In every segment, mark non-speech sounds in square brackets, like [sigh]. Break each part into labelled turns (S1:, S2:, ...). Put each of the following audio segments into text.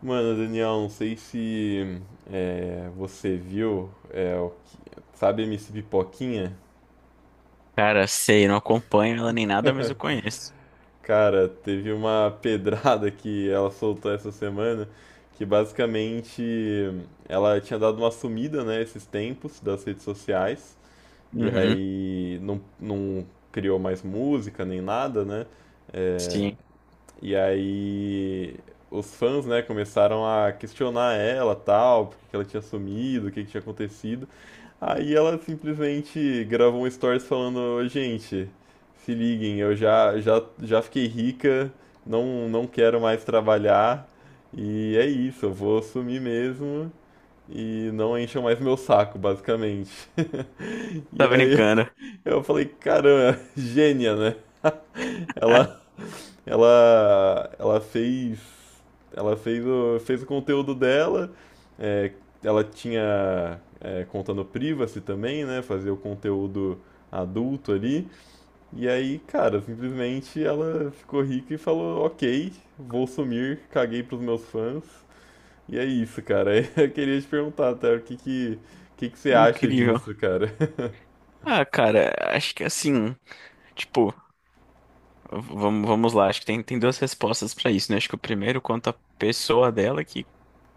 S1: Mano, Daniel, não sei se você viu, sabe MC Pipoquinha?
S2: Cara, sei, não acompanho ela nem nada, mas eu conheço.
S1: Cara, teve uma [laughs] pedrada que ela soltou essa semana, que basicamente ela tinha dado uma sumida, né, esses tempos das redes sociais, e
S2: Uhum,
S1: aí não criou mais música nem nada, né?
S2: sim.
S1: E aí os fãs, né, começaram a questionar ela, tal, porque ela tinha sumido, o que que tinha acontecido. Aí ela simplesmente gravou um stories falando, "Ô, gente, se liguem, eu já fiquei rica, não quero mais trabalhar, e é isso, eu vou sumir mesmo e não encham mais meu saco, basicamente." [laughs] E
S2: Tá
S1: aí
S2: brincando.
S1: eu falei, caramba, gênia, né? Ela,
S2: [laughs]
S1: ela fez o conteúdo dela. é, Ela tinha conta no Privacy também, né? Fazia o conteúdo adulto ali. E aí, cara, simplesmente ela ficou rica e falou: "Ok, vou sumir, caguei pros meus fãs." E é isso, cara. [laughs] Eu queria te perguntar, até o que que você acha
S2: Incrível.
S1: disso, cara? [laughs]
S2: Ah, cara, acho que assim, tipo, vamos lá, acho que tem duas respostas pra isso, né? Acho que o primeiro quanto à pessoa dela, que,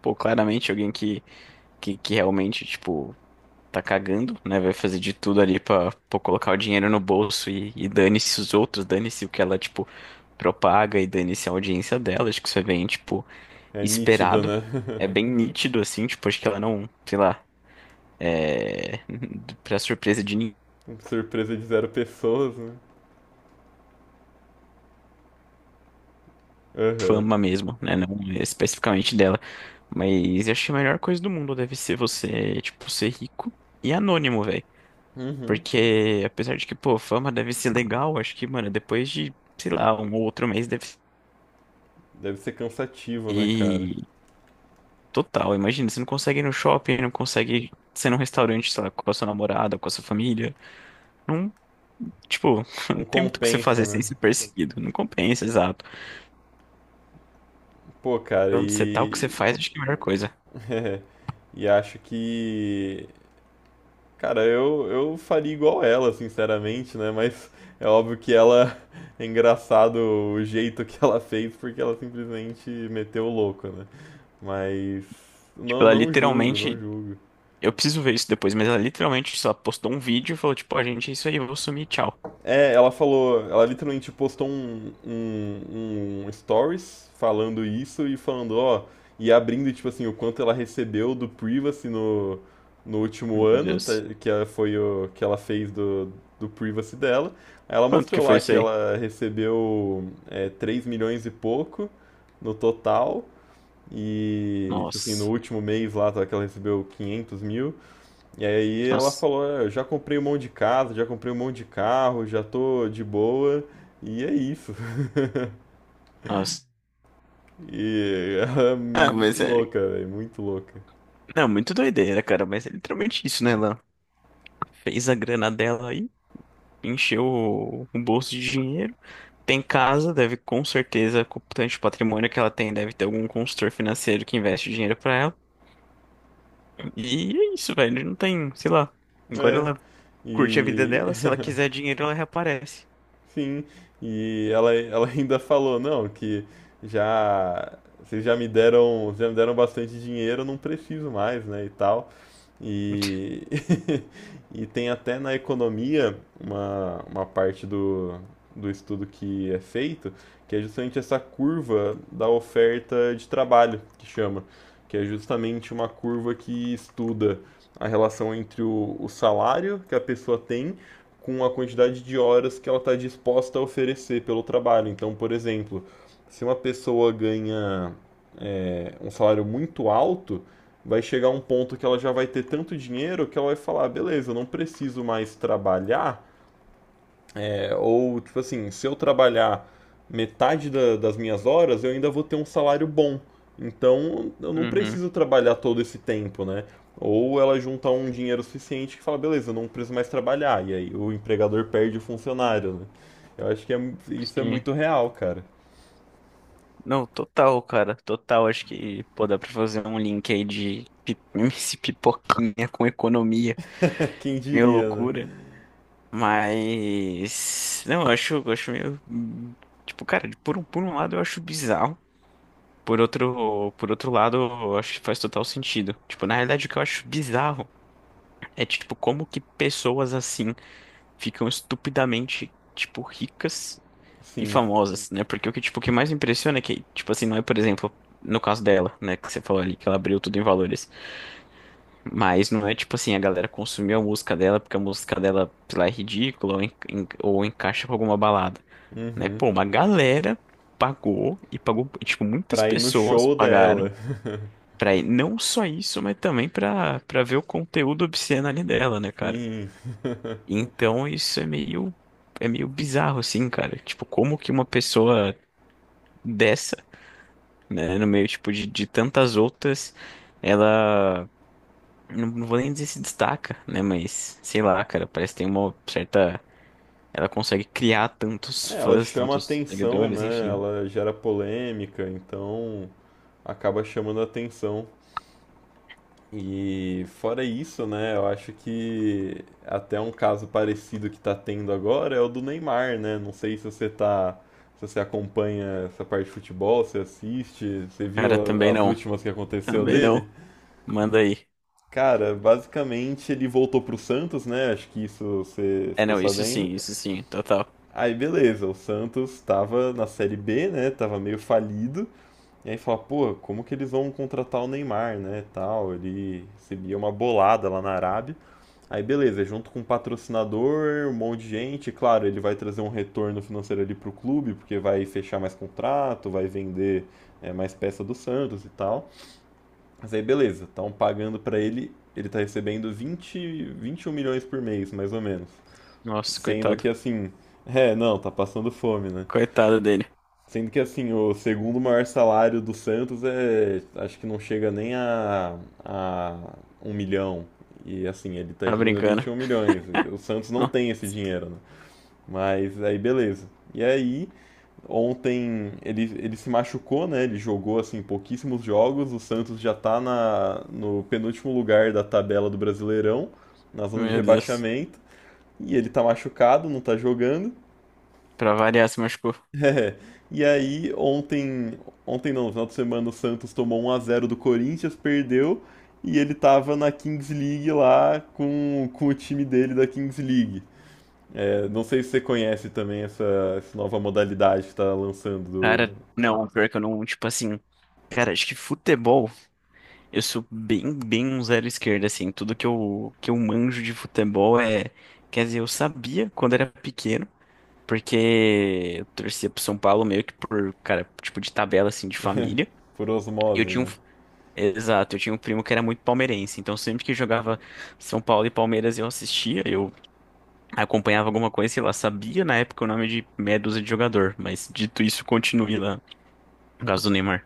S2: pô, claramente alguém que, que, que realmente, tipo, tá cagando, né? Vai fazer de tudo ali pra, pô, colocar o dinheiro no bolso e dane-se os outros, dane-se o que ela, tipo, propaga e dane-se a audiência dela. Acho que isso é bem, tipo,
S1: É nítido,
S2: esperado.
S1: né?
S2: É bem nítido, assim, tipo, acho que ela não, sei lá, é. [laughs] Pra surpresa de ninguém,
S1: [laughs] Surpresa de zero pessoas, né? Aham.
S2: fama mesmo, né? Não especificamente dela. Mas acho que a melhor coisa do mundo deve ser você, tipo, ser rico e anônimo, velho.
S1: Uhum.
S2: Porque, apesar de que, pô, fama deve ser legal, acho que, mano, depois de, sei lá, um ou outro mês deve
S1: Deve ser cansativo, né, cara?
S2: ser total. Imagina, você não consegue ir no shopping, não consegue ser num restaurante, sei lá, com a sua namorada, com a sua família. Não Tipo, [laughs] não
S1: Não
S2: tem muito o que você
S1: compensa,
S2: fazer sem
S1: né?
S2: ser perseguido. Não compensa, exato.
S1: Pô, cara,
S2: Onde você tá, o que você
S1: e.
S2: faz, acho que é a melhor coisa.
S1: [laughs] E acho que. Cara, eu faria igual ela, sinceramente, né? Mas é óbvio que ela. [laughs] É engraçado o jeito que ela fez, porque ela simplesmente meteu o louco, né? Mas.
S2: Tipo,
S1: Não,
S2: ela
S1: não julgo, não
S2: literalmente.
S1: julgo.
S2: Eu preciso ver isso depois, mas ela literalmente só postou um vídeo e falou, tipo, ó, gente, é isso aí, eu vou sumir, tchau.
S1: É, ela falou, ela literalmente postou um stories falando isso e falando, ó, e abrindo, tipo assim, o quanto ela recebeu do Privacy no último
S2: Meu
S1: ano, tá,
S2: Deus.
S1: que ela foi o que ela fez do Privacy dela. Aí ela
S2: Quanto que
S1: mostrou
S2: foi
S1: lá
S2: isso
S1: que
S2: aí?
S1: ela recebeu 3 milhões e pouco no total, e, tipo assim, no
S2: Nossa,
S1: último mês lá, tá, que ela recebeu 500 mil. E aí ela
S2: nossa,
S1: falou, "É, eu já comprei um monte de casa, já comprei um monte de carro, já tô de boa, e é isso." [laughs]
S2: nossa.
S1: E ela é
S2: Ah, mas
S1: muito
S2: é.
S1: louca, velho, muito louca.
S2: Não, muito doideira, cara, mas é literalmente isso, né? Ela fez a grana dela aí encheu o bolso de dinheiro. Tem casa, deve com certeza, com o tanto de patrimônio que ela tem, deve ter algum consultor financeiro que investe dinheiro pra ela. E é isso, velho. Não tem, sei lá. Agora
S1: É.
S2: ela curte a vida
S1: E
S2: dela, se ela quiser dinheiro, ela reaparece.
S1: sim, e ela ainda falou, não, que já vocês já me deram bastante dinheiro, eu não preciso mais, né, e tal. E, [laughs] e tem até na economia uma parte do estudo que é feito, que é justamente essa curva da oferta de trabalho, que chama, que é justamente uma curva que estuda a relação entre o salário que a pessoa tem com a quantidade de horas que ela está disposta a oferecer pelo trabalho. Então, por exemplo, se uma pessoa ganha um salário muito alto, vai chegar um ponto que ela já vai ter tanto dinheiro que ela vai falar: "Ah, beleza, eu não preciso mais trabalhar, ou, tipo assim, se eu trabalhar metade das minhas horas, eu ainda vou ter um salário bom. Então, eu não
S2: Uhum,
S1: preciso trabalhar todo esse tempo, né? Ou ela junta um dinheiro suficiente que fala, beleza, eu não preciso mais trabalhar." E aí o empregador perde o funcionário, né? Eu acho que isso é
S2: sim.
S1: muito real, cara.
S2: Não, total, cara, total. Acho que, pô, dá pra fazer um link aí de [laughs] MC Pipoquinha com economia.
S1: [laughs] Quem
S2: Meio
S1: diria, né?
S2: loucura. Mas. Não, eu acho meio. Tipo, cara, por um lado eu acho bizarro. Por outro lado, eu acho que faz total sentido. Tipo, na realidade, o que eu acho bizarro é, tipo, como que pessoas assim ficam estupidamente, tipo, ricas e
S1: Sim.
S2: famosas, né? Porque o que, tipo, o que mais impressiona é que, tipo assim, não é, por exemplo, no caso dela, né, que você falou ali, que ela abriu tudo em valores. Mas não é tipo assim, a galera consumiu a música dela porque a música dela, sei lá, é ridícula ou, ou encaixa com alguma balada. Né?
S1: Uhum.
S2: Pô, uma galera pagou, tipo, muitas
S1: Pra ir no
S2: pessoas
S1: show dela.
S2: pagaram pra ir, não só isso, mas também pra ver o conteúdo obsceno ali dela, né, cara?
S1: Sim.
S2: Então isso é meio bizarro, assim, cara. Tipo, como que uma pessoa dessa, né, no meio, tipo, de tantas outras, ela, não vou nem dizer se destaca, né, mas, sei lá, cara, parece que tem uma certa... Ela consegue criar tantos
S1: É, ela
S2: fãs,
S1: chama
S2: tantos
S1: atenção,
S2: seguidores,
S1: né?
S2: enfim.
S1: Ela gera polêmica, então acaba chamando atenção. E fora isso, né, eu acho que até um caso parecido que tá tendo agora é o do Neymar, né? Não sei se você tá, se você acompanha essa parte de futebol, se assiste, você
S2: Cara,
S1: viu
S2: também
S1: as
S2: não.
S1: últimas que aconteceu
S2: Também
S1: dele?
S2: não. Manda aí.
S1: Cara, basicamente ele voltou pro Santos, né? Acho que isso você
S2: É,
S1: ficou
S2: não, isso sim,
S1: sabendo.
S2: isso sim, total.
S1: Aí beleza, o Santos tava na Série B, né? Tava meio falido. E aí fala, pô, como que eles vão contratar o Neymar, né, tal, ele recebia uma bolada lá na Arábia. Aí beleza, junto com um patrocinador, um monte de gente, claro, ele vai trazer um retorno financeiro ali pro clube, porque vai fechar mais contrato, vai vender mais peça do Santos e tal. Mas aí beleza, estão pagando pra ele, tá recebendo 20, 21 milhões por mês, mais ou menos.
S2: Nossa,
S1: Sendo
S2: coitado.
S1: que assim, não, tá passando fome, né?
S2: Coitado dele.
S1: Sendo que assim, o segundo maior salário do Santos é, acho que não chega nem a um milhão. E assim, ele tá
S2: Tá
S1: recebendo
S2: brincando.
S1: 21 milhões. O Santos não
S2: Oh,
S1: tem esse dinheiro, né? Mas aí beleza. E aí, ontem ele se machucou, né? Ele jogou assim pouquíssimos jogos. O Santos já tá no penúltimo lugar da tabela do Brasileirão, na zona de
S2: meu Deus.
S1: rebaixamento. E ele tá machucado, não tá jogando.
S2: Pra variar, se machucou.
S1: [laughs] É. E aí, ontem, ontem não, no final de semana, o Santos tomou 1 a 0 do Corinthians, perdeu, e ele tava na Kings League lá com o time dele da Kings League. É, não sei se você conhece também essa nova modalidade que tá lançando
S2: Cara, não, pior que eu não, tipo assim. Cara, acho que futebol, eu sou bem um zero esquerda, assim. Tudo que eu manjo de futebol é. Quer dizer, eu sabia quando era pequeno, porque eu torcia pro São Paulo meio que por, cara, tipo de tabela, assim, de família.
S1: por
S2: E eu
S1: osmose,
S2: tinha um,
S1: né?
S2: Exato, eu tinha um primo que era muito palmeirense, então sempre que jogava São Paulo e Palmeiras eu assistia, eu acompanhava alguma coisa, sei lá, sabia na época o nome de meia dúzia de jogador, mas dito isso, continue lá, por causa do Neymar.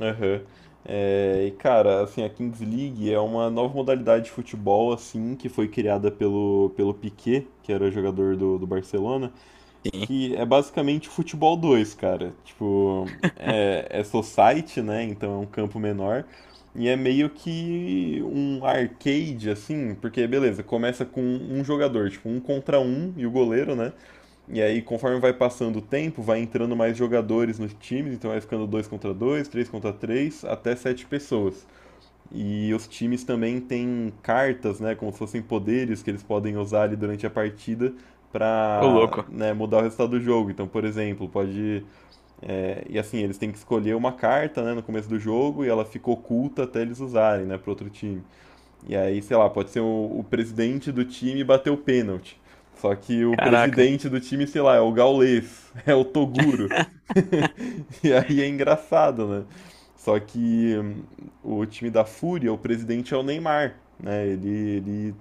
S1: Aham. É, e cara, assim, a Kings League é uma nova modalidade de futebol, assim, que foi criada pelo Piqué, que era jogador do Barcelona.
S2: Sim.
S1: Que é basicamente futebol 2, cara. Tipo, é society, né? Então é um campo menor. E é meio que um arcade, assim, porque beleza, começa com um jogador, tipo, um contra um e o goleiro, né? E aí, conforme vai passando o tempo, vai entrando mais jogadores nos times, então vai ficando dois contra dois, três contra três, até sete pessoas. E os times também têm cartas, né, como se fossem poderes que eles podem usar ali durante a partida
S2: Ô,
S1: para
S2: louco.
S1: né mudar o resultado do jogo. Então, por exemplo, pode. E assim, eles têm que escolher uma carta, né, no começo do jogo e ela fica oculta até eles usarem, né, para outro time. E aí, sei lá, pode ser o presidente do time bater o pênalti. Só que o
S2: Caraca.
S1: presidente do time, sei lá, é o Gaules, [laughs] é o Toguro. [laughs] E aí é engraçado, né? Só que o time da Fúria, o presidente é o Neymar, né? Ele,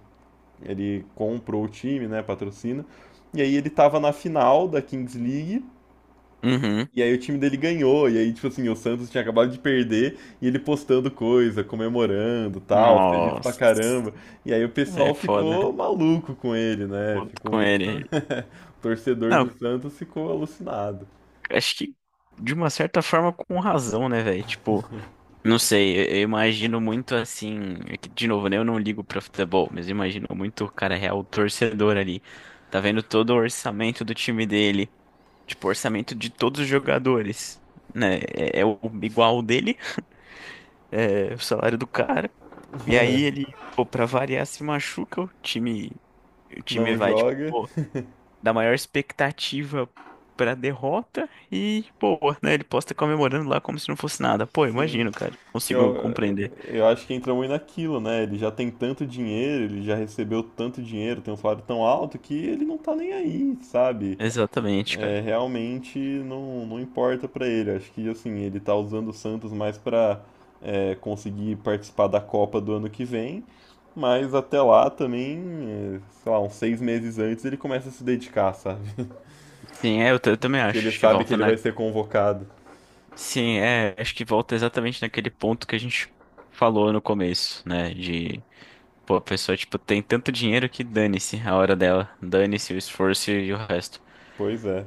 S1: ele comprou o time, né? Patrocina. E aí ele tava na final da Kings League.
S2: Uhum,
S1: E aí o time dele ganhou. E aí, tipo assim, o Santos tinha acabado de perder. E ele postando coisa, comemorando, tal, feliz pra
S2: nossa,
S1: caramba. E aí o
S2: aí
S1: pessoal
S2: é
S1: ficou
S2: foda,
S1: maluco com ele, né?
S2: puto
S1: Ficou
S2: com
S1: muito.
S2: ele.
S1: [laughs] O torcedor do
S2: Não,
S1: Santos ficou alucinado.
S2: acho que de uma certa forma com razão, né, velho, tipo... Não sei, eu imagino muito assim. É que, de novo, né? Eu não ligo pra futebol, mas eu imagino muito o cara real, o torcedor ali. Tá vendo todo o orçamento do time dele, tipo, orçamento de todos os jogadores, né? É, é o igual o dele, é o salário do cara. E aí ele, pô, pra variar, se machuca, o time
S1: Não
S2: vai, tipo,
S1: joga,
S2: pô, da maior expectativa pra derrota e, pô, né? Ele posta comemorando lá como se não fosse nada. Pô,
S1: sim.
S2: imagino, cara, consigo
S1: Eu,
S2: compreender.
S1: eu acho que entra muito naquilo, né? Ele já tem tanto dinheiro, ele já recebeu tanto dinheiro, tem um salário tão alto que ele não tá nem aí, sabe?
S2: Exatamente,
S1: É,
S2: cara.
S1: realmente não importa pra ele. Acho que assim, ele tá usando o Santos mais pra conseguir participar da Copa do ano que vem, mas até lá também, sei lá, uns 6 meses antes ele começa a se dedicar, sabe? [laughs]
S2: Sim, é, eu também
S1: Porque
S2: acho.
S1: ele
S2: Acho que
S1: sabe que
S2: volta
S1: ele
S2: na.
S1: vai ser convocado.
S2: Sim, é, acho que volta exatamente naquele ponto que a gente falou no começo, né? De, pô, a pessoa, tipo, tem tanto dinheiro que dane-se a hora dela. Dane-se o esforço e o resto.
S1: Pois é.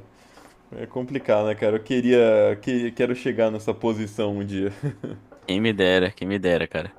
S1: É complicado, né, cara? Eu quero chegar nessa posição um dia.
S2: Quem me dera, cara.